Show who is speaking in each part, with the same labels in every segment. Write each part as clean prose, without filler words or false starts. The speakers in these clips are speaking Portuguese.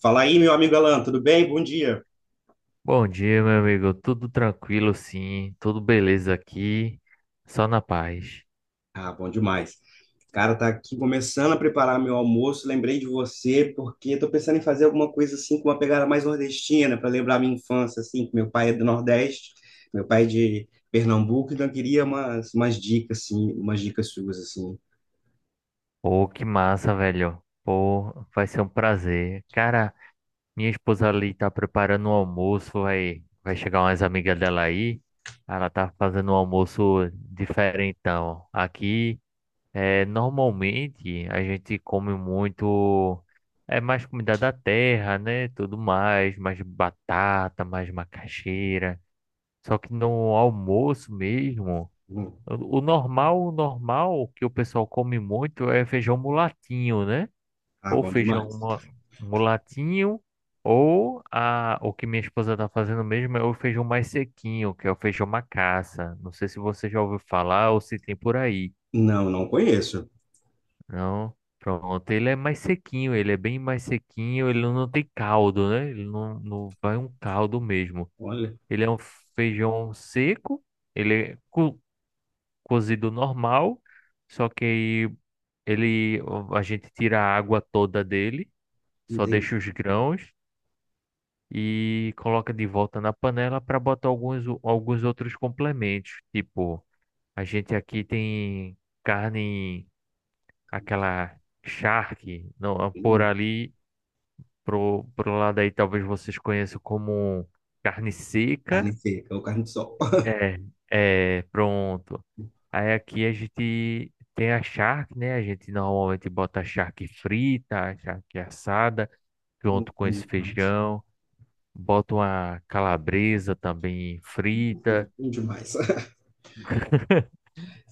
Speaker 1: Fala aí, meu amigo Alan, tudo bem? Bom dia.
Speaker 2: Bom dia, meu amigo. Tudo tranquilo, sim. Tudo beleza aqui. Só na paz.
Speaker 1: Ah, bom demais. Cara, tá aqui começando a preparar meu almoço. Lembrei de você porque tô pensando em fazer alguma coisa assim com uma pegada mais nordestina para lembrar minha infância assim, que meu pai é do Nordeste, meu pai é de Pernambuco, então eu queria umas dicas assim, umas dicas suas assim.
Speaker 2: Pô, que massa, velho. Pô, vai ser um prazer. Cara, minha esposa ali tá preparando um almoço. Vai chegar umas amigas dela aí. Ela tá fazendo um almoço diferentão. Aqui, normalmente, a gente come muito. É mais comida da terra, né? Tudo mais. Mais batata, mais macaxeira. Só que no almoço mesmo,
Speaker 1: Hum.
Speaker 2: o normal, o normal que o pessoal come muito é feijão mulatinho, né?
Speaker 1: Ah,
Speaker 2: Ou
Speaker 1: bom demais.
Speaker 2: mulatinho, ou o que minha esposa tá fazendo mesmo é o feijão mais sequinho, que é o feijão macaça. Não sei se você já ouviu falar ou se tem por aí.
Speaker 1: Não, não conheço.
Speaker 2: Não? Pronto, ele é mais sequinho, ele é bem mais sequinho, ele não tem caldo, né? Ele não vai um caldo mesmo.
Speaker 1: Olha,
Speaker 2: Ele é um feijão seco. Ele é cozido normal, só que aí ele a gente tira a água toda dele,
Speaker 1: não
Speaker 2: só
Speaker 1: tem
Speaker 2: deixa os grãos e coloca de volta na panela para botar alguns outros complementos, tipo, a gente aqui tem carne aquela charque, não, por
Speaker 1: hum,
Speaker 2: ali pro lado aí talvez vocês conheçam como carne seca.
Speaker 1: carne seca ou carne de sol.
Speaker 2: É, é, pronto. Aí aqui a gente tem a charque, né? A gente normalmente bota a charque frita, a charque assada, junto com
Speaker 1: Bom
Speaker 2: esse
Speaker 1: demais.
Speaker 2: feijão. Bota uma calabresa também frita
Speaker 1: Bom demais.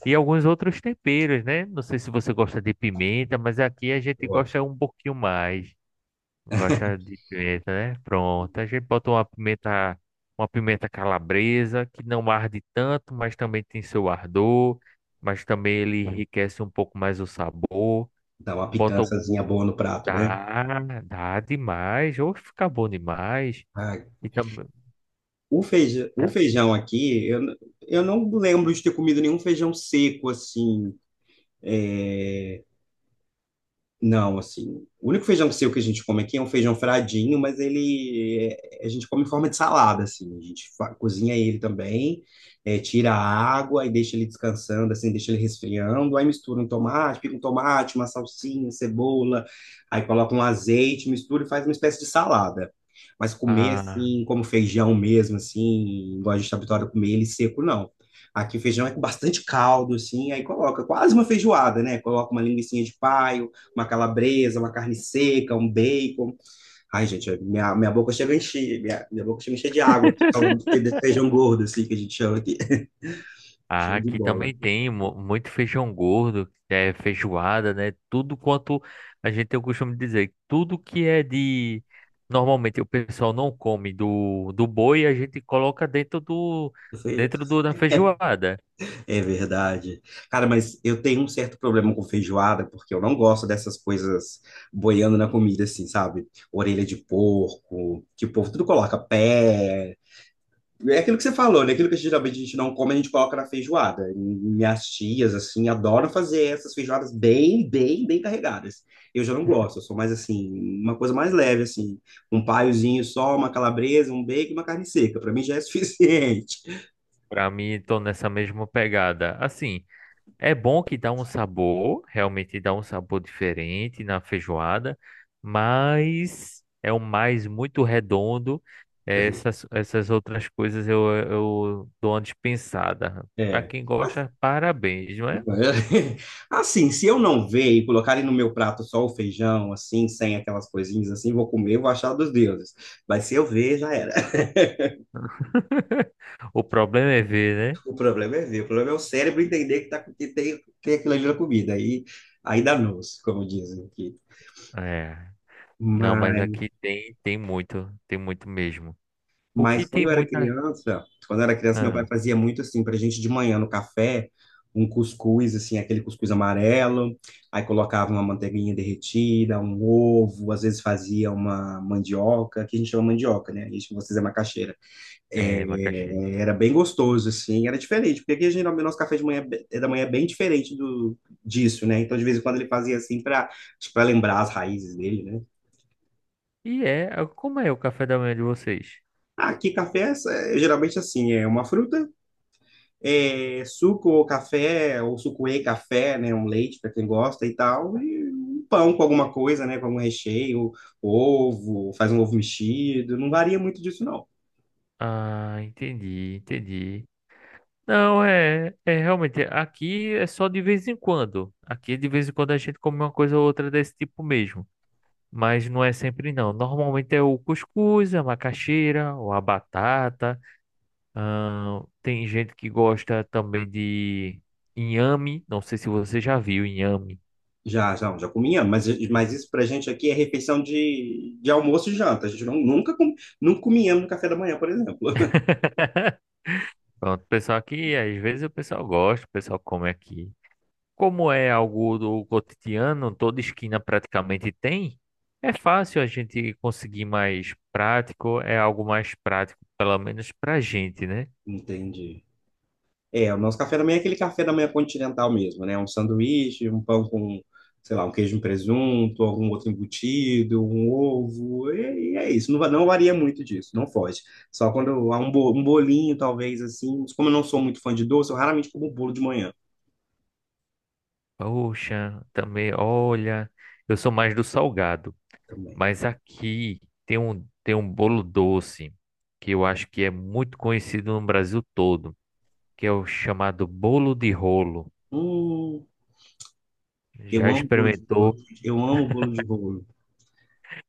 Speaker 2: e alguns outros temperos, né? Não sei se você gosta de pimenta, mas aqui a gente
Speaker 1: Eu gosto.
Speaker 2: gosta um pouquinho mais. Gosta de pimenta, né? Pronto. A gente bota uma pimenta calabresa, que não arde tanto, mas também tem seu ardor, mas também ele enriquece um pouco mais o sabor.
Speaker 1: Dá uma
Speaker 2: Bota
Speaker 1: picançazinha
Speaker 2: algum.
Speaker 1: boa no prato, né?
Speaker 2: Dá, dá demais. Ou fica bom demais.
Speaker 1: Ah,
Speaker 2: E também.
Speaker 1: o feijão aqui, eu não lembro de ter comido nenhum feijão seco assim. É, não, assim, o único feijão seco que a gente come aqui é um feijão fradinho, mas a gente come em forma de salada, assim, cozinha ele também, é, tira a água e deixa ele descansando, assim, deixa ele resfriando, aí mistura um tomate, pica um tomate, uma salsinha, cebola, aí coloca um azeite, mistura e faz uma espécie de salada. Mas comer
Speaker 2: Ah,
Speaker 1: assim, como feijão mesmo, assim, igual a gente está habituado a comer ele seco, não. Aqui o feijão é com bastante caldo, assim, aí coloca quase uma feijoada, né? Coloca uma linguicinha de paio, uma calabresa, uma carne seca, um bacon. Ai, gente, é, minha boca chega a encher, minha boca chega a encher de água, aqui, falando de feijão gordo, assim, que a gente chama aqui.
Speaker 2: ah,
Speaker 1: Show de
Speaker 2: aqui
Speaker 1: bola.
Speaker 2: também tem muito feijão gordo, é feijoada, né? Tudo quanto a gente tem o costume de dizer, tudo que é de. Normalmente o pessoal não come do boi, a gente coloca dentro do
Speaker 1: Feijão,
Speaker 2: da feijoada.
Speaker 1: é verdade. Cara, mas eu tenho um certo problema com feijoada, porque eu não gosto dessas coisas boiando na comida, assim, sabe? Orelha de porco, que o povo tudo coloca pé, é aquilo que você falou, né? Aquilo que geralmente a gente não come, a gente coloca na feijoada. Minhas tias, assim, adoram fazer essas feijoadas bem, bem, bem carregadas. Eu já não gosto, eu sou mais, assim, uma coisa mais leve, assim. Um paiozinho só, uma calabresa, um bacon e uma carne seca. Para mim já é suficiente.
Speaker 2: Pra mim, tô nessa mesma pegada. Assim. É bom que dá um sabor, realmente dá um sabor diferente na feijoada, mas é um mais muito redondo. Essas outras coisas eu dou uma dispensada. Para
Speaker 1: É.
Speaker 2: quem gosta, parabéns, não é?
Speaker 1: Assim, se eu não ver e colocarem no meu prato só o feijão, assim, sem aquelas coisinhas, assim, vou comer, vou achar dos deuses. Mas se eu ver, já era.
Speaker 2: O problema é ver,
Speaker 1: O problema é ver, o problema é o cérebro entender que, tá, que tem, tem aquilo ali na comida. Aí, aí dá noce, como dizem aqui.
Speaker 2: né? É. Não, mas
Speaker 1: Mas,
Speaker 2: aqui tem, tem muito mesmo. O
Speaker 1: mas
Speaker 2: que
Speaker 1: quando
Speaker 2: tem
Speaker 1: eu era
Speaker 2: muita.
Speaker 1: criança, quando eu era criança, meu pai
Speaker 2: Ah,
Speaker 1: fazia muito assim pra gente de manhã no café, um cuscuz, assim, aquele cuscuz amarelo, aí colocava uma manteiguinha derretida, um ovo, às vezes fazia uma mandioca, que a gente chama mandioca, né? A gente, vocês é macaxeira.
Speaker 2: é, macaxeira.
Speaker 1: É, era bem gostoso, assim, era diferente, porque aqui geralmente o nosso café de manhã, é da manhã é bem diferente do, disso, né? Então, de vez em quando ele fazia assim para lembrar as raízes dele, né?
Speaker 2: E é. Como é o café da manhã de vocês?
Speaker 1: Ah, aqui café é, é geralmente assim, é uma fruta, é suco ou café, ou suco e café, né? Um leite para quem gosta e tal, e um pão com alguma coisa, né? Com algum recheio, ovo, faz um ovo mexido, não varia muito disso, não.
Speaker 2: Ah, entendi. Não, é realmente, aqui é só de vez em quando. Aqui de vez em quando a gente come uma coisa ou outra desse tipo mesmo. Mas não é sempre não. Normalmente é o cuscuz, a macaxeira, ou a batata. Tem gente que gosta também de inhame. Não sei se você já viu inhame.
Speaker 1: Já, já, já comia, mas isso pra gente aqui é refeição de almoço e janta. A gente não, nunca, nunca comíamos no café da manhã, por exemplo.
Speaker 2: Pronto, o pessoal aqui, às vezes o pessoal gosta, o pessoal come aqui. Como é algo do cotidiano, toda esquina praticamente tem, é fácil a gente conseguir mais prático, é algo mais prático, pelo menos pra gente, né?
Speaker 1: Entendi. É, o nosso café da manhã é aquele café da manhã continental mesmo, né? Um sanduíche, um pão com, sei lá, um queijo e um presunto, algum outro embutido, um ovo, e é isso. Não, não varia muito disso, não foge. Só quando há um, um bolinho, talvez, assim. Mas como eu não sou muito fã de doce, eu raramente como bolo de manhã
Speaker 2: Poxa, também, olha, eu sou mais do salgado,
Speaker 1: também.
Speaker 2: mas aqui tem tem um bolo doce que eu acho que é muito conhecido no Brasil todo, que é o chamado bolo de rolo.
Speaker 1: Hum, eu
Speaker 2: Já
Speaker 1: amo bolo de bolo.
Speaker 2: experimentou?
Speaker 1: Eu amo bolo de bolo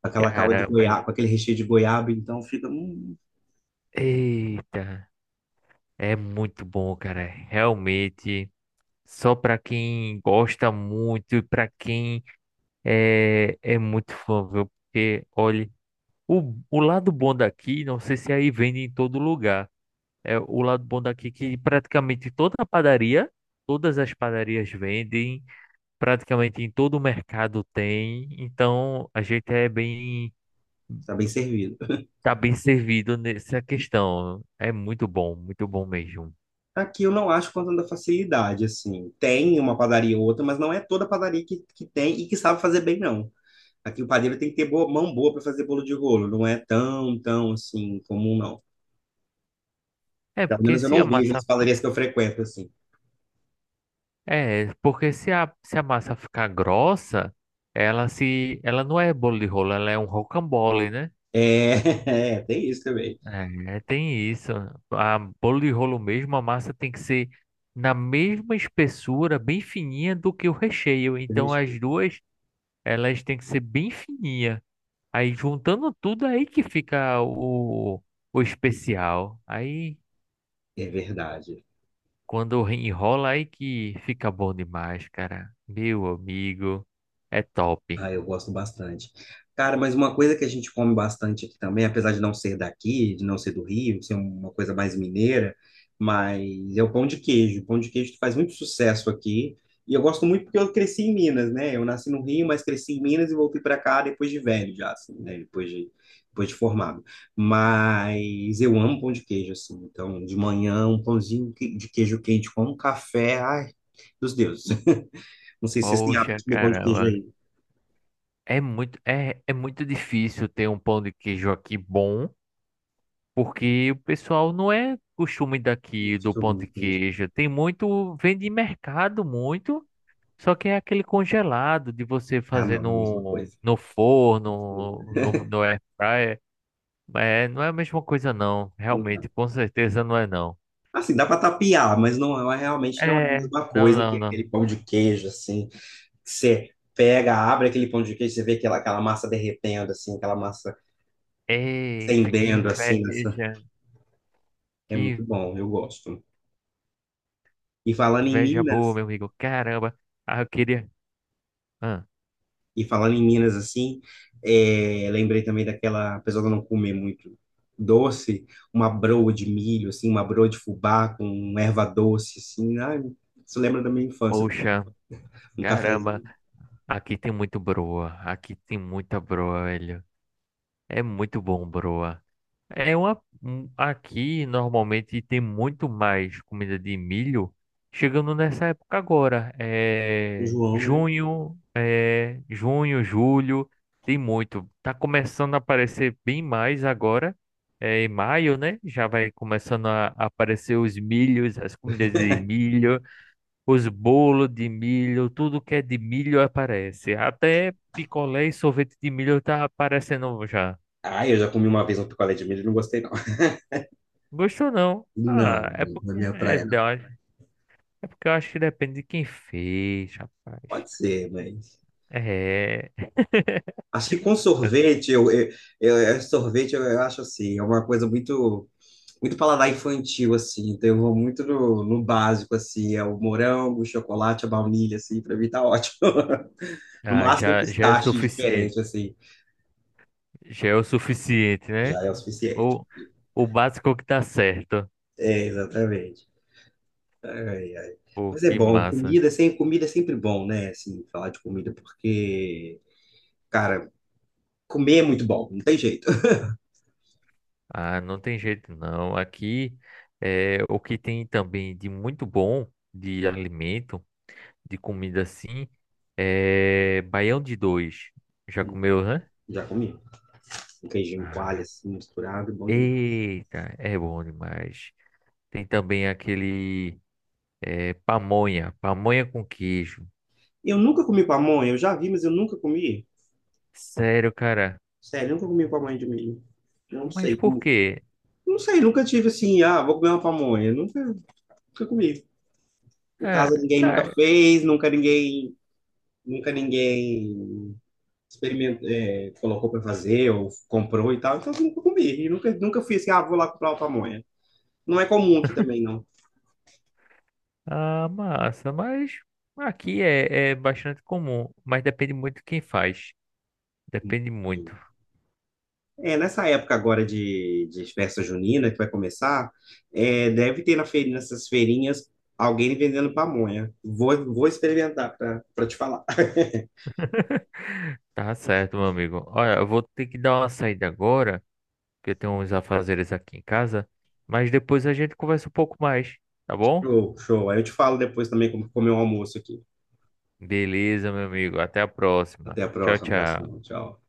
Speaker 1: com aquela calda de
Speaker 2: Caramba,
Speaker 1: goiaba, com aquele recheio de goiaba, então fica,
Speaker 2: eita, é muito bom, cara, realmente. Só para quem gosta muito e para quem é muito fã, viu? Porque, olha, o lado bom daqui, não sei se é aí vende em todo lugar. É o lado bom daqui que praticamente toda a padaria, todas as padarias vendem, praticamente em todo o mercado tem. Então a gente é bem,
Speaker 1: tá bem servido.
Speaker 2: tá bem servido nessa questão. É muito bom mesmo.
Speaker 1: Aqui eu não acho com tanta facilidade, assim. Tem uma padaria ou outra, mas não é toda padaria que tem e que sabe fazer bem, não. Aqui o padeiro tem que ter boa, mão boa para fazer bolo de rolo, não é tão, tão, assim, comum, não.
Speaker 2: É
Speaker 1: Pelo
Speaker 2: porque
Speaker 1: menos eu
Speaker 2: se
Speaker 1: não
Speaker 2: a
Speaker 1: vejo
Speaker 2: massa
Speaker 1: as padarias que eu frequento, assim.
Speaker 2: é, porque se se a massa ficar grossa, ela não é bolo de rolo, ela é um rocambole, né?
Speaker 1: É, é, tem isso também.
Speaker 2: É, tem isso. A bolo de rolo mesmo, a massa tem que ser na mesma espessura, bem fininha do que o recheio. Então as duas, elas têm que ser bem fininha. Aí juntando tudo aí que fica o especial. Aí
Speaker 1: É verdade.
Speaker 2: quando enrola aí que fica bom demais, cara. Meu amigo, é top.
Speaker 1: Ah, eu gosto bastante. Cara, mas uma coisa que a gente come bastante aqui também, apesar de não ser daqui, de não ser do Rio, ser uma coisa mais mineira, mas é o pão de queijo. O pão de queijo faz muito sucesso aqui. E eu gosto muito porque eu cresci em Minas, né? Eu nasci no Rio, mas cresci em Minas e voltei para cá depois de velho, já, assim, né? Depois de formado. Mas eu amo pão de queijo, assim. Então, de manhã, um de queijo quente com um café, ai, dos deuses. Não sei se vocês têm hábito
Speaker 2: Poxa,
Speaker 1: de comer pão de queijo
Speaker 2: caramba.
Speaker 1: aí.
Speaker 2: É muito, é muito difícil ter um pão de queijo aqui bom, porque o pessoal não é costume daqui do
Speaker 1: Gostou,
Speaker 2: pão de
Speaker 1: entendi.
Speaker 2: queijo. Tem muito, vende em mercado muito, só que é aquele congelado de você
Speaker 1: Ah,
Speaker 2: fazer
Speaker 1: não, não é a mesma coisa.
Speaker 2: no forno,
Speaker 1: Não.
Speaker 2: no air fryer. É, não é a mesma coisa não, realmente,
Speaker 1: Não.
Speaker 2: com certeza não é não.
Speaker 1: Assim, dá para tapear, mas não é realmente não é a
Speaker 2: É,
Speaker 1: mesma coisa que aquele
Speaker 2: não.
Speaker 1: pão de queijo, assim. Que você pega, abre aquele pão de queijo, você vê aquela, aquela massa derretendo, assim, aquela massa
Speaker 2: Eita,
Speaker 1: fendendo, assim. Nessa... é muito
Speaker 2: que
Speaker 1: bom, eu gosto. E falando em
Speaker 2: inveja boa,
Speaker 1: Minas,
Speaker 2: meu amigo. Caramba, ah, eu queria. Ah,
Speaker 1: e falando em Minas, assim, é, lembrei também daquela, apesar de eu não comer muito doce, uma broa de milho, assim, uma broa de fubá com erva doce, assim. Ai, isso lembra da minha infância.
Speaker 2: poxa,
Speaker 1: Um
Speaker 2: caramba,
Speaker 1: cafezinho
Speaker 2: aqui tem muito broa, aqui tem muita broa, velho. É muito bom, broa. É uma, aqui normalmente tem muito mais comida de milho chegando nessa época agora.
Speaker 1: com
Speaker 2: É
Speaker 1: João, né?
Speaker 2: junho, julho, tem muito. Tá começando a aparecer bem mais agora. É em maio, né? Já vai começando a aparecer os milhos, as comidas de milho. Os bolos de milho, tudo que é de milho aparece. Até picolé e sorvete de milho tá aparecendo já.
Speaker 1: Ah, eu já comi uma vez um picolé de milho e não gostei, não.
Speaker 2: Gostou não?
Speaker 1: Não,
Speaker 2: Ah,
Speaker 1: na minha praia não.
Speaker 2: é porque eu acho que depende de quem fez, rapaz.
Speaker 1: Pode ser, mas.
Speaker 2: É.
Speaker 1: Acho que com sorvete, eu, sorvete eu acho assim, é uma coisa muito, muito paladar infantil, assim. Então eu vou muito no, no básico, assim, é o morango, o chocolate, a baunilha, assim, pra mim tá ótimo. No
Speaker 2: Ah,
Speaker 1: máximo um
Speaker 2: já é o
Speaker 1: pistache
Speaker 2: suficiente.
Speaker 1: diferente, assim,
Speaker 2: Já é o suficiente, né?
Speaker 1: já é o suficiente.
Speaker 2: O, o básico que tá certo.
Speaker 1: É, exatamente. Ai, ai.
Speaker 2: Pô,
Speaker 1: Mas é
Speaker 2: que
Speaker 1: bom,
Speaker 2: massa.
Speaker 1: comida, é sem, comida é sempre bom, né? Assim, falar de comida, porque, cara, comer é muito bom, não tem jeito.
Speaker 2: Ah, não tem jeito não. Aqui é o que tem também de muito bom de alimento, de comida assim, é baião de dois. Já comeu, né?
Speaker 1: Já comi. Um queijinho coalho
Speaker 2: Ah,
Speaker 1: assim, misturado, bom demais.
Speaker 2: eita, é bom demais. Tem também aquele é, pamonha, pamonha com queijo.
Speaker 1: Eu nunca comi pamonha, eu já vi, mas eu nunca comi.
Speaker 2: Sério, cara.
Speaker 1: Sério, eu nunca comi pamonha de milho. Eu não
Speaker 2: Mas
Speaker 1: sei
Speaker 2: por
Speaker 1: como.
Speaker 2: quê?
Speaker 1: Não sei, nunca tive assim, ah, vou comer uma pamonha. Nunca, nunca comi. Em casa
Speaker 2: É,
Speaker 1: ninguém nunca
Speaker 2: é,
Speaker 1: fez, nunca ninguém experimentou, é, colocou para fazer ou comprou e tal. Então eu nunca comi. E nunca, nunca fui assim, ah, vou lá comprar uma pamonha. Não é comum aqui também, não.
Speaker 2: a massa, mas aqui é bastante comum, mas depende muito de quem faz. Depende muito.
Speaker 1: É, nessa época agora de festa junina que vai começar, é, deve ter na feira, nessas feirinhas alguém vendendo pamonha. Vou, vou experimentar para te falar.
Speaker 2: Tá certo, meu amigo. Olha, eu vou ter que dar uma saída agora, porque eu tenho uns afazeres aqui em casa, mas depois a gente conversa um pouco mais, tá bom?
Speaker 1: Show, show. Aí eu te falo depois também como comer o almoço aqui.
Speaker 2: Beleza, meu amigo. Até a próxima.
Speaker 1: Até a
Speaker 2: Tchau,
Speaker 1: próxima.
Speaker 2: tchau.
Speaker 1: Abração. Tchau.